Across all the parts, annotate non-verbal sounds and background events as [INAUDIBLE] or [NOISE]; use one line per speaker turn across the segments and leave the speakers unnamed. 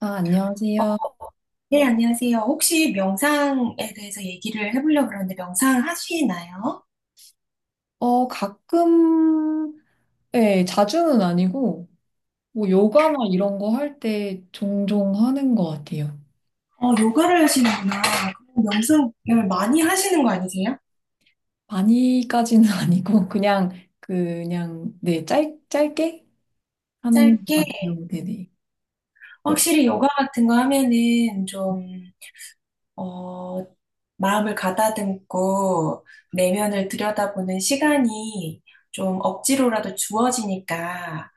아, 안녕하세요.
네, 안녕하세요. 혹시 명상에 대해서 얘기를 해보려고 그러는데 명상 하시나요?
가끔, 예, 자주는 아니고, 뭐, 요가나 이런 거 할 때 종종 하는 것 같아요.
어, 요가를 하시는구나. 그럼 명상을 많이 하시는 거 아니세요?
많이까지는 [LAUGHS] 아니고, 그냥, 그냥, 네, 짧게 하는
짧게.
것 같아요. 네네. 요-
확실히 요가 같은 거 하면은 좀, 어, 마음을 가다듬고 내면을 들여다보는 시간이 좀 억지로라도 주어지니까,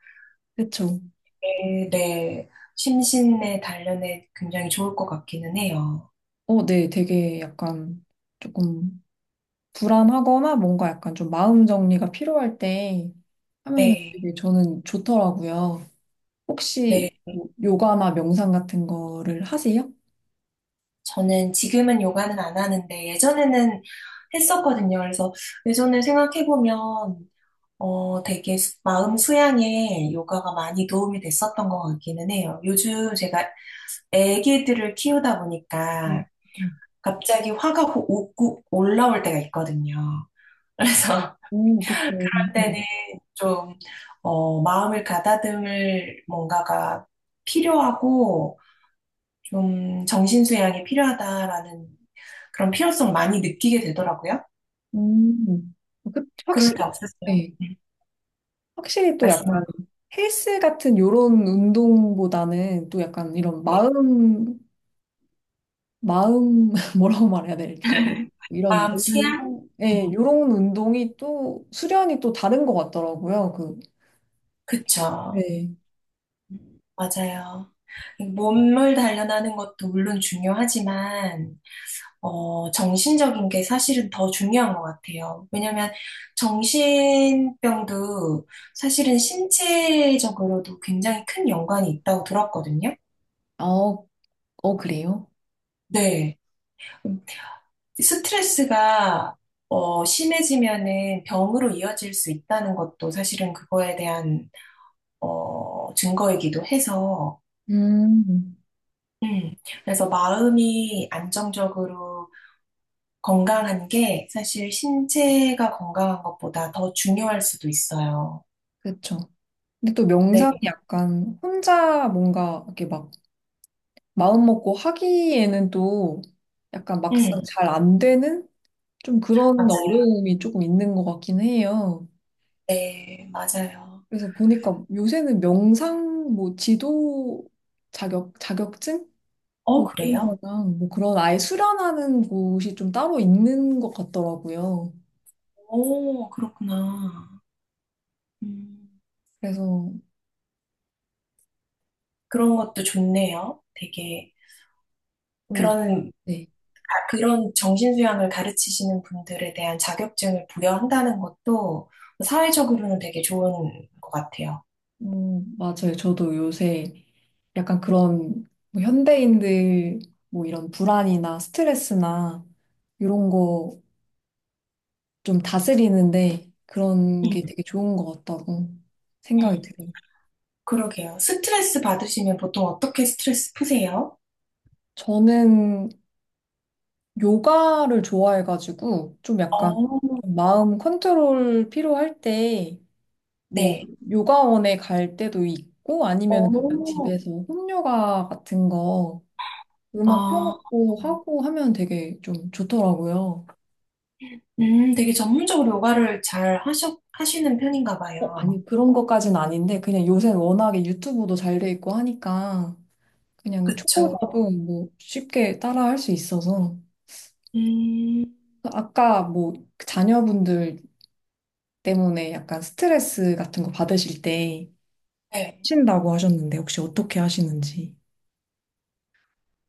그쵸.
네, 네. 심신의 단련에 굉장히 좋을 것 같기는 해요.
네, 되게 약간 조금 불안하거나 뭔가 약간 좀 마음 정리가 필요할 때 하면은
네.
되게 저는 좋더라고요.
네.
혹시 뭐 요가나 명상 같은 거를 하세요?
저는 지금은 요가는 안 하는데 예전에는 했었거든요. 그래서 예전에 생각해보면 되게 마음 수양에 요가가 많이 도움이 됐었던 것 같기는 해요. 요즘 제가 애기들을 키우다
음,
보니까
음.
갑자기 화가 오고 올라올 때가 있거든요. 그래서
오, 그쵸.
[LAUGHS] 그럴 때는 좀 마음을 가다듬을 뭔가가 필요하고 좀 정신수양이 필요하다라는 그런 필요성을 많이 느끼게 되더라고요.
음, 음.
그럴
확실히,
때 없으세요?
네.
네.
확실히 또
말씀.
약간 헬스 같은 요런 운동보다는 또 약간 이런 마음, 마음, [LAUGHS] 뭐라고 말해야 될까요? 이런,
마음
몸,
수양?
네, 요런 운동이 또 수련이 또 다른 것 같더라고요. 그,
그쵸.
네.
맞아요. 몸을 단련하는 것도 물론 중요하지만, 정신적인 게 사실은 더 중요한 것 같아요. 왜냐면 정신병도 사실은 신체적으로도 굉장히 큰 연관이 있다고 들었거든요.
어, 어, 그래요?
네. 스트레스가 심해지면은 병으로 이어질 수 있다는 것도 사실은 그거에 대한 증거이기도 해서
음,
음, 그래서 마음이 안정적으로 건강한 게 사실 신체가 건강한 것보다 더 중요할 수도 있어요.
그쵸. 근데 또
네,
명상이 약간 혼자 뭔가 이렇게 막 마음먹고 하기에는 또 약간 막상
음,
잘 안 되는 좀 그런
맞아요.
어려움이 조금 있는 것 같긴 해요.
네, 맞아요.
그래서 보니까 요새는 명상, 뭐 지도 자격증?
어,
뭐 이런
그래요?
거랑 뭐 그런 아예 수련하는 곳이 좀 따로 있는 것 같더라고요.
오, 그렇구나. 음,
그래서,
그런 것도 좋네요. 되게
어,
그런
네.
그런 정신수양을 가르치시는 분들에 대한 자격증을 부여한다는 것도 사회적으로는 되게 좋은 것 같아요.
맞아요. 저도 요새 약간 그런 뭐 현대인들 뭐 이런 불안이나 스트레스나 이런 거 좀 다스리는데 그런
음,
게 되게 좋은 것 같다고 생각이
음.
들어요.
그러게요. 스트레스 받으시면 보통 어떻게 스트레스 푸세요?
저는 요가를 좋아해가지고 좀 약간
어,
마음 컨트롤 필요할 때 뭐
네.
요가원에 갈 때도 있고 아니면 그냥
어,
집에서 홈요가 같은 거 음악
아,
켜놓고 하고 하면 되게 좀 좋더라고요.
되게 전문적으로 요가를 잘 하시는 편인가 봐요.
아니 그런 것까진 아닌데 그냥 요새 워낙에 유튜브도 잘 돼 있고 하니까 그냥
그쵸.
초보자도 뭐 쉽게 따라 할 수 있어서
음,
아까 뭐 그 자녀분들 때문에 약간 스트레스 같은 거 받으실 때
네.
하신다고 하셨는데 혹시 어떻게 하시는지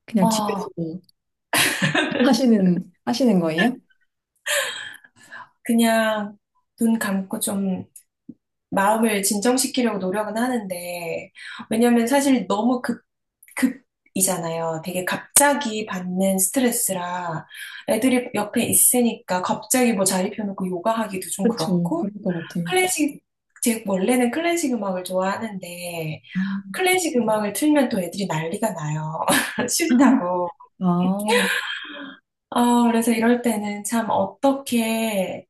그냥
어,
집에서 뭐 [LAUGHS] 하시는 거예요?
그냥 눈 감고 좀 마음을 진정시키려고 노력은 하는데, 왜냐면 사실 너무 급이잖아요. 되게 갑자기 받는 스트레스라 애들이 옆에 있으니까 갑자기 뭐 자리 펴놓고 요가하기도 좀
그렇죠.
그렇고,
그럴 것 같아요.
클래식, 제 원래는 클래식 음악을 좋아하는데,
아,
클래식 음악을 틀면 또 애들이 난리가 나요. [LAUGHS]
[LAUGHS]
싫다고.
아,
아, 그래서 이럴 때는 참 어떻게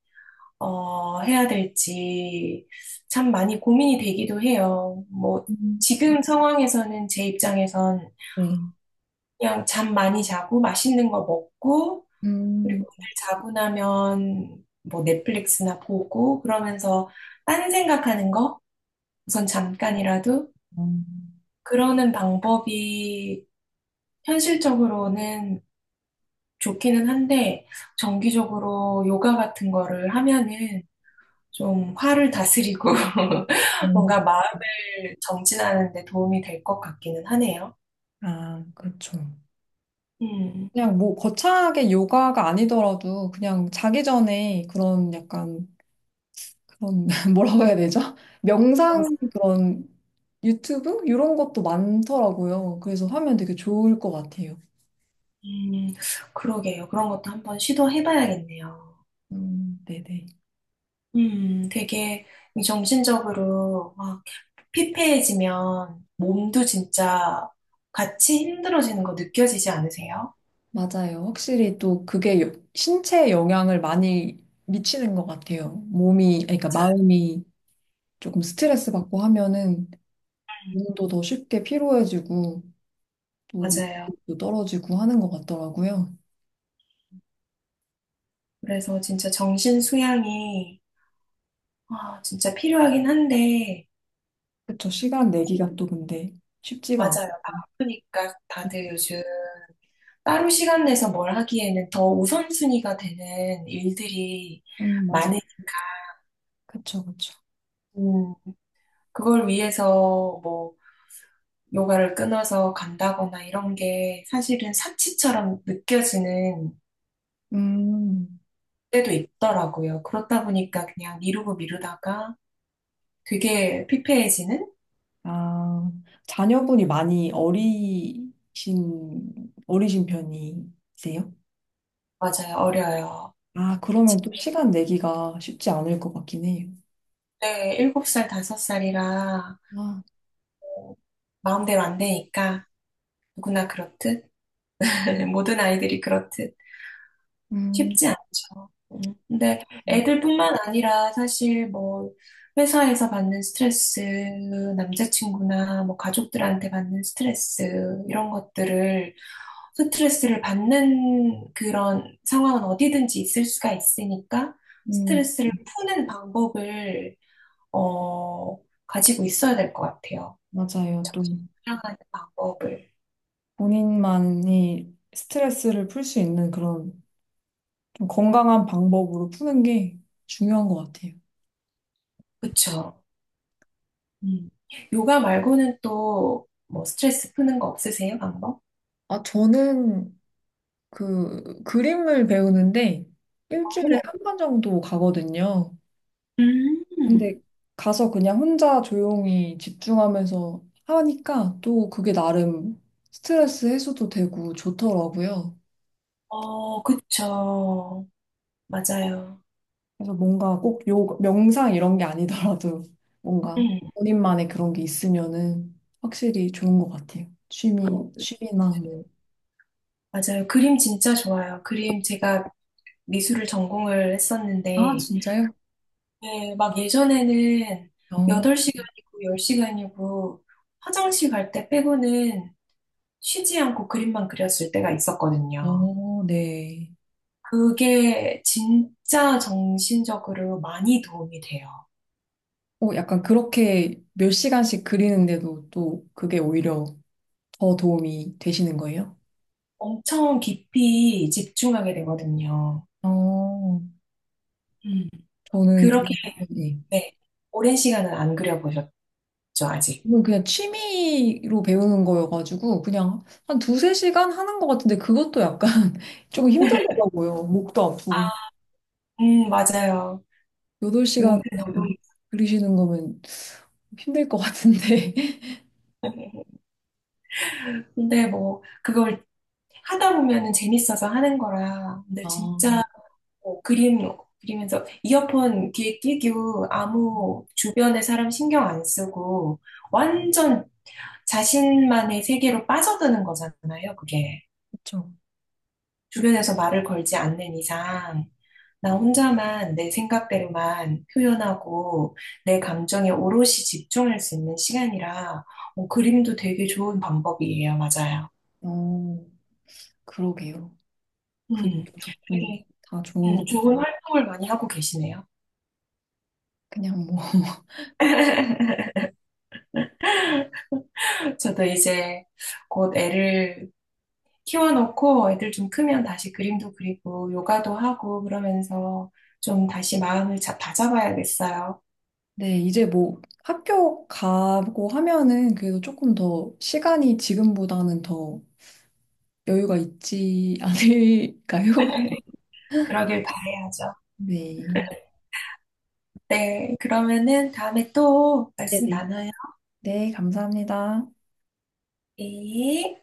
해야 될지 참 많이 고민이 되기도 해요. 뭐,
음.
지금 상황에서는 제 입장에선
네.
그냥 잠 많이 자고 맛있는 거 먹고,
음,
그리고 오늘 자고 나면 뭐 넷플릭스나 보고, 그러면서 딴 생각하는 거, 우선 잠깐이라도,
음,
그러는 방법이 현실적으로는 좋기는 한데, 정기적으로 요가 같은 거를 하면은 좀 화를 다스리고 [LAUGHS]
음.
뭔가 마음을 정진하는 데 도움이 될 것 같기는 하네요.
아, 그렇죠.
음,
그냥 뭐 거창하게 요가가 아니더라도 그냥 자기 전에 그런 약간 그런 [LAUGHS] 뭐라고 해야 되죠? 명상 그런 유튜브 이런 것도 많더라고요. 그래서 하면 되게 좋을 것 같아요.
음, 그러게요. 그런 것도 한번 시도해봐야겠네요.
네네.
되게 이 정신적으로 막 피폐해지면 몸도 진짜 같이 힘들어지는 거 느껴지지 않으세요?
맞아요. 확실히 또 그게 신체에 영향을 많이 미치는 것 같아요. 몸이, 아니, 그러니까 마음이 조금 스트레스 받고 하면은
음,
몸도 더 쉽게 피로해지고 또
맞아요.
몸도 떨어지고 하는 것 같더라고요.
그래서 진짜 정신 수양이 진짜 필요하긴 한데
그쵸. 시간 내기가 또 근데 쉽지가 않고.
맞아요. 바쁘니까 다들 요즘 따로 시간 내서 뭘 하기에는 더 우선순위가 되는 일들이
맞아요.
많은,
그쵸, 그쵸.
음, 그걸 위해서 뭐, 요가를 끊어서 간다거나 이런 게 사실은 사치처럼 느껴지는
음.
때도 있더라고요. 그렇다 보니까 그냥 미루고 미루다가 되게 피폐해지는?
아, 자녀분이 많이 어리신 편이세요?
맞아요. 어려요.
아, 그러면 또 시간 내기가 쉽지 않을 것 같긴 해요.
네, 7살, 5살이라
아,
마음대로 안 되니까 누구나 그렇듯, [LAUGHS] 모든 아이들이 그렇듯.
음,
쉽지 않죠. 근데 애들뿐만 아니라 사실 뭐 회사에서 받는 스트레스, 남자친구나 뭐 가족들한테 받는 스트레스 이런 것들을 스트레스를 받는 그런 상황은 어디든지 있을 수가 있으니까
음,
스트레스를 푸는 방법을 어, 가지고 있어야 될 것 같아요.
맞아요. 또
사랑하는 방법을.
본인만이 스트레스를 풀 수 있는 그런 좀 건강한 방법으로 푸는 게 중요한 것 같아요.
그쵸? 음. 요가 말고는 또 뭐 스트레스 푸는 거 없으세요? 방법?
아, 저는 그 그림을 배우는데 일주일에
어,
한 번 정도 가거든요.
음,
근데 가서 그냥 혼자 조용히 집중하면서 하니까 또 그게 나름 스트레스 해소도 되고 좋더라고요.
어, 그쵸. 맞아요.
그래서 뭔가 꼭 명상 이런 게 아니더라도 [LAUGHS] 뭔가
네.
본인만의 그런 게 있으면은 확실히 좋은 것 같아요. 취미나 뭐.
맞아요. 그림 진짜 좋아요. 그림 제가 미술을 전공을
아,
했었는데,
진짜요?
네, 막 예전에는
어,
8시간이고 10시간이고 화장실 갈 때 빼고는 쉬지 않고 그림만 그렸을 때가 있었거든요.
어, 네.
그게 진짜 정신적으로 많이 도움이 돼요.
약간 그렇게 몇 시간씩 그리는데도 또 그게 오히려 더 도움이 되시는 거예요?
엄청 깊이 집중하게 되거든요.
어,
음.
저는
그렇게
그냥, 네.
네. 오랜 시간은 안 그려보셨죠, 아직?
이건 그냥 취미로 배우는 거여가지고 그냥 한 두세 시간 하는 것 같은데 그것도 약간 [LAUGHS] 조금
[LAUGHS]
힘들더라고요. 목도 아프고.
맞아요.
8시간
은근
그냥
노동.
그리시는 거면 힘들 것 같은데. [LAUGHS]
근데 뭐, 그걸 하다 보면은 재밌어서 하는 거라. 근데 진짜
아,
뭐 그리면서 이어폰 귀에 끼고 아무 주변의 사람 신경 안 쓰고 완전 자신만의 세계로 빠져드는 거잖아요, 그게.
그렇죠.
주변에서 말을 걸지 않는 이상, 나 혼자만 내 생각대로만 표현하고 내 감정에 오롯이 집중할 수 있는 시간이라 그림도 되게 좋은 방법이에요. 맞아요.
어, 그러게요.
음,
그림도 좋고
되게
다 좋은 거
좋은 활동을 많이 하고 계시네요.
그냥 뭐.
[LAUGHS] 저도 이제 곧 애를 키워놓고 애들 좀 크면 다시 그림도 그리고 요가도 하고 그러면서 좀 다시 마음을 다잡아야겠어요.
네, 이제 뭐 학교 가고 하면은 그래도 조금 더 시간이 지금보다는 더 여유가 있지 않을까요?
그러길 바라야죠.
[LAUGHS] 네.
네, 그러면은 다음에 또 말씀
네네.
나눠요.
네, 감사합니다.
네.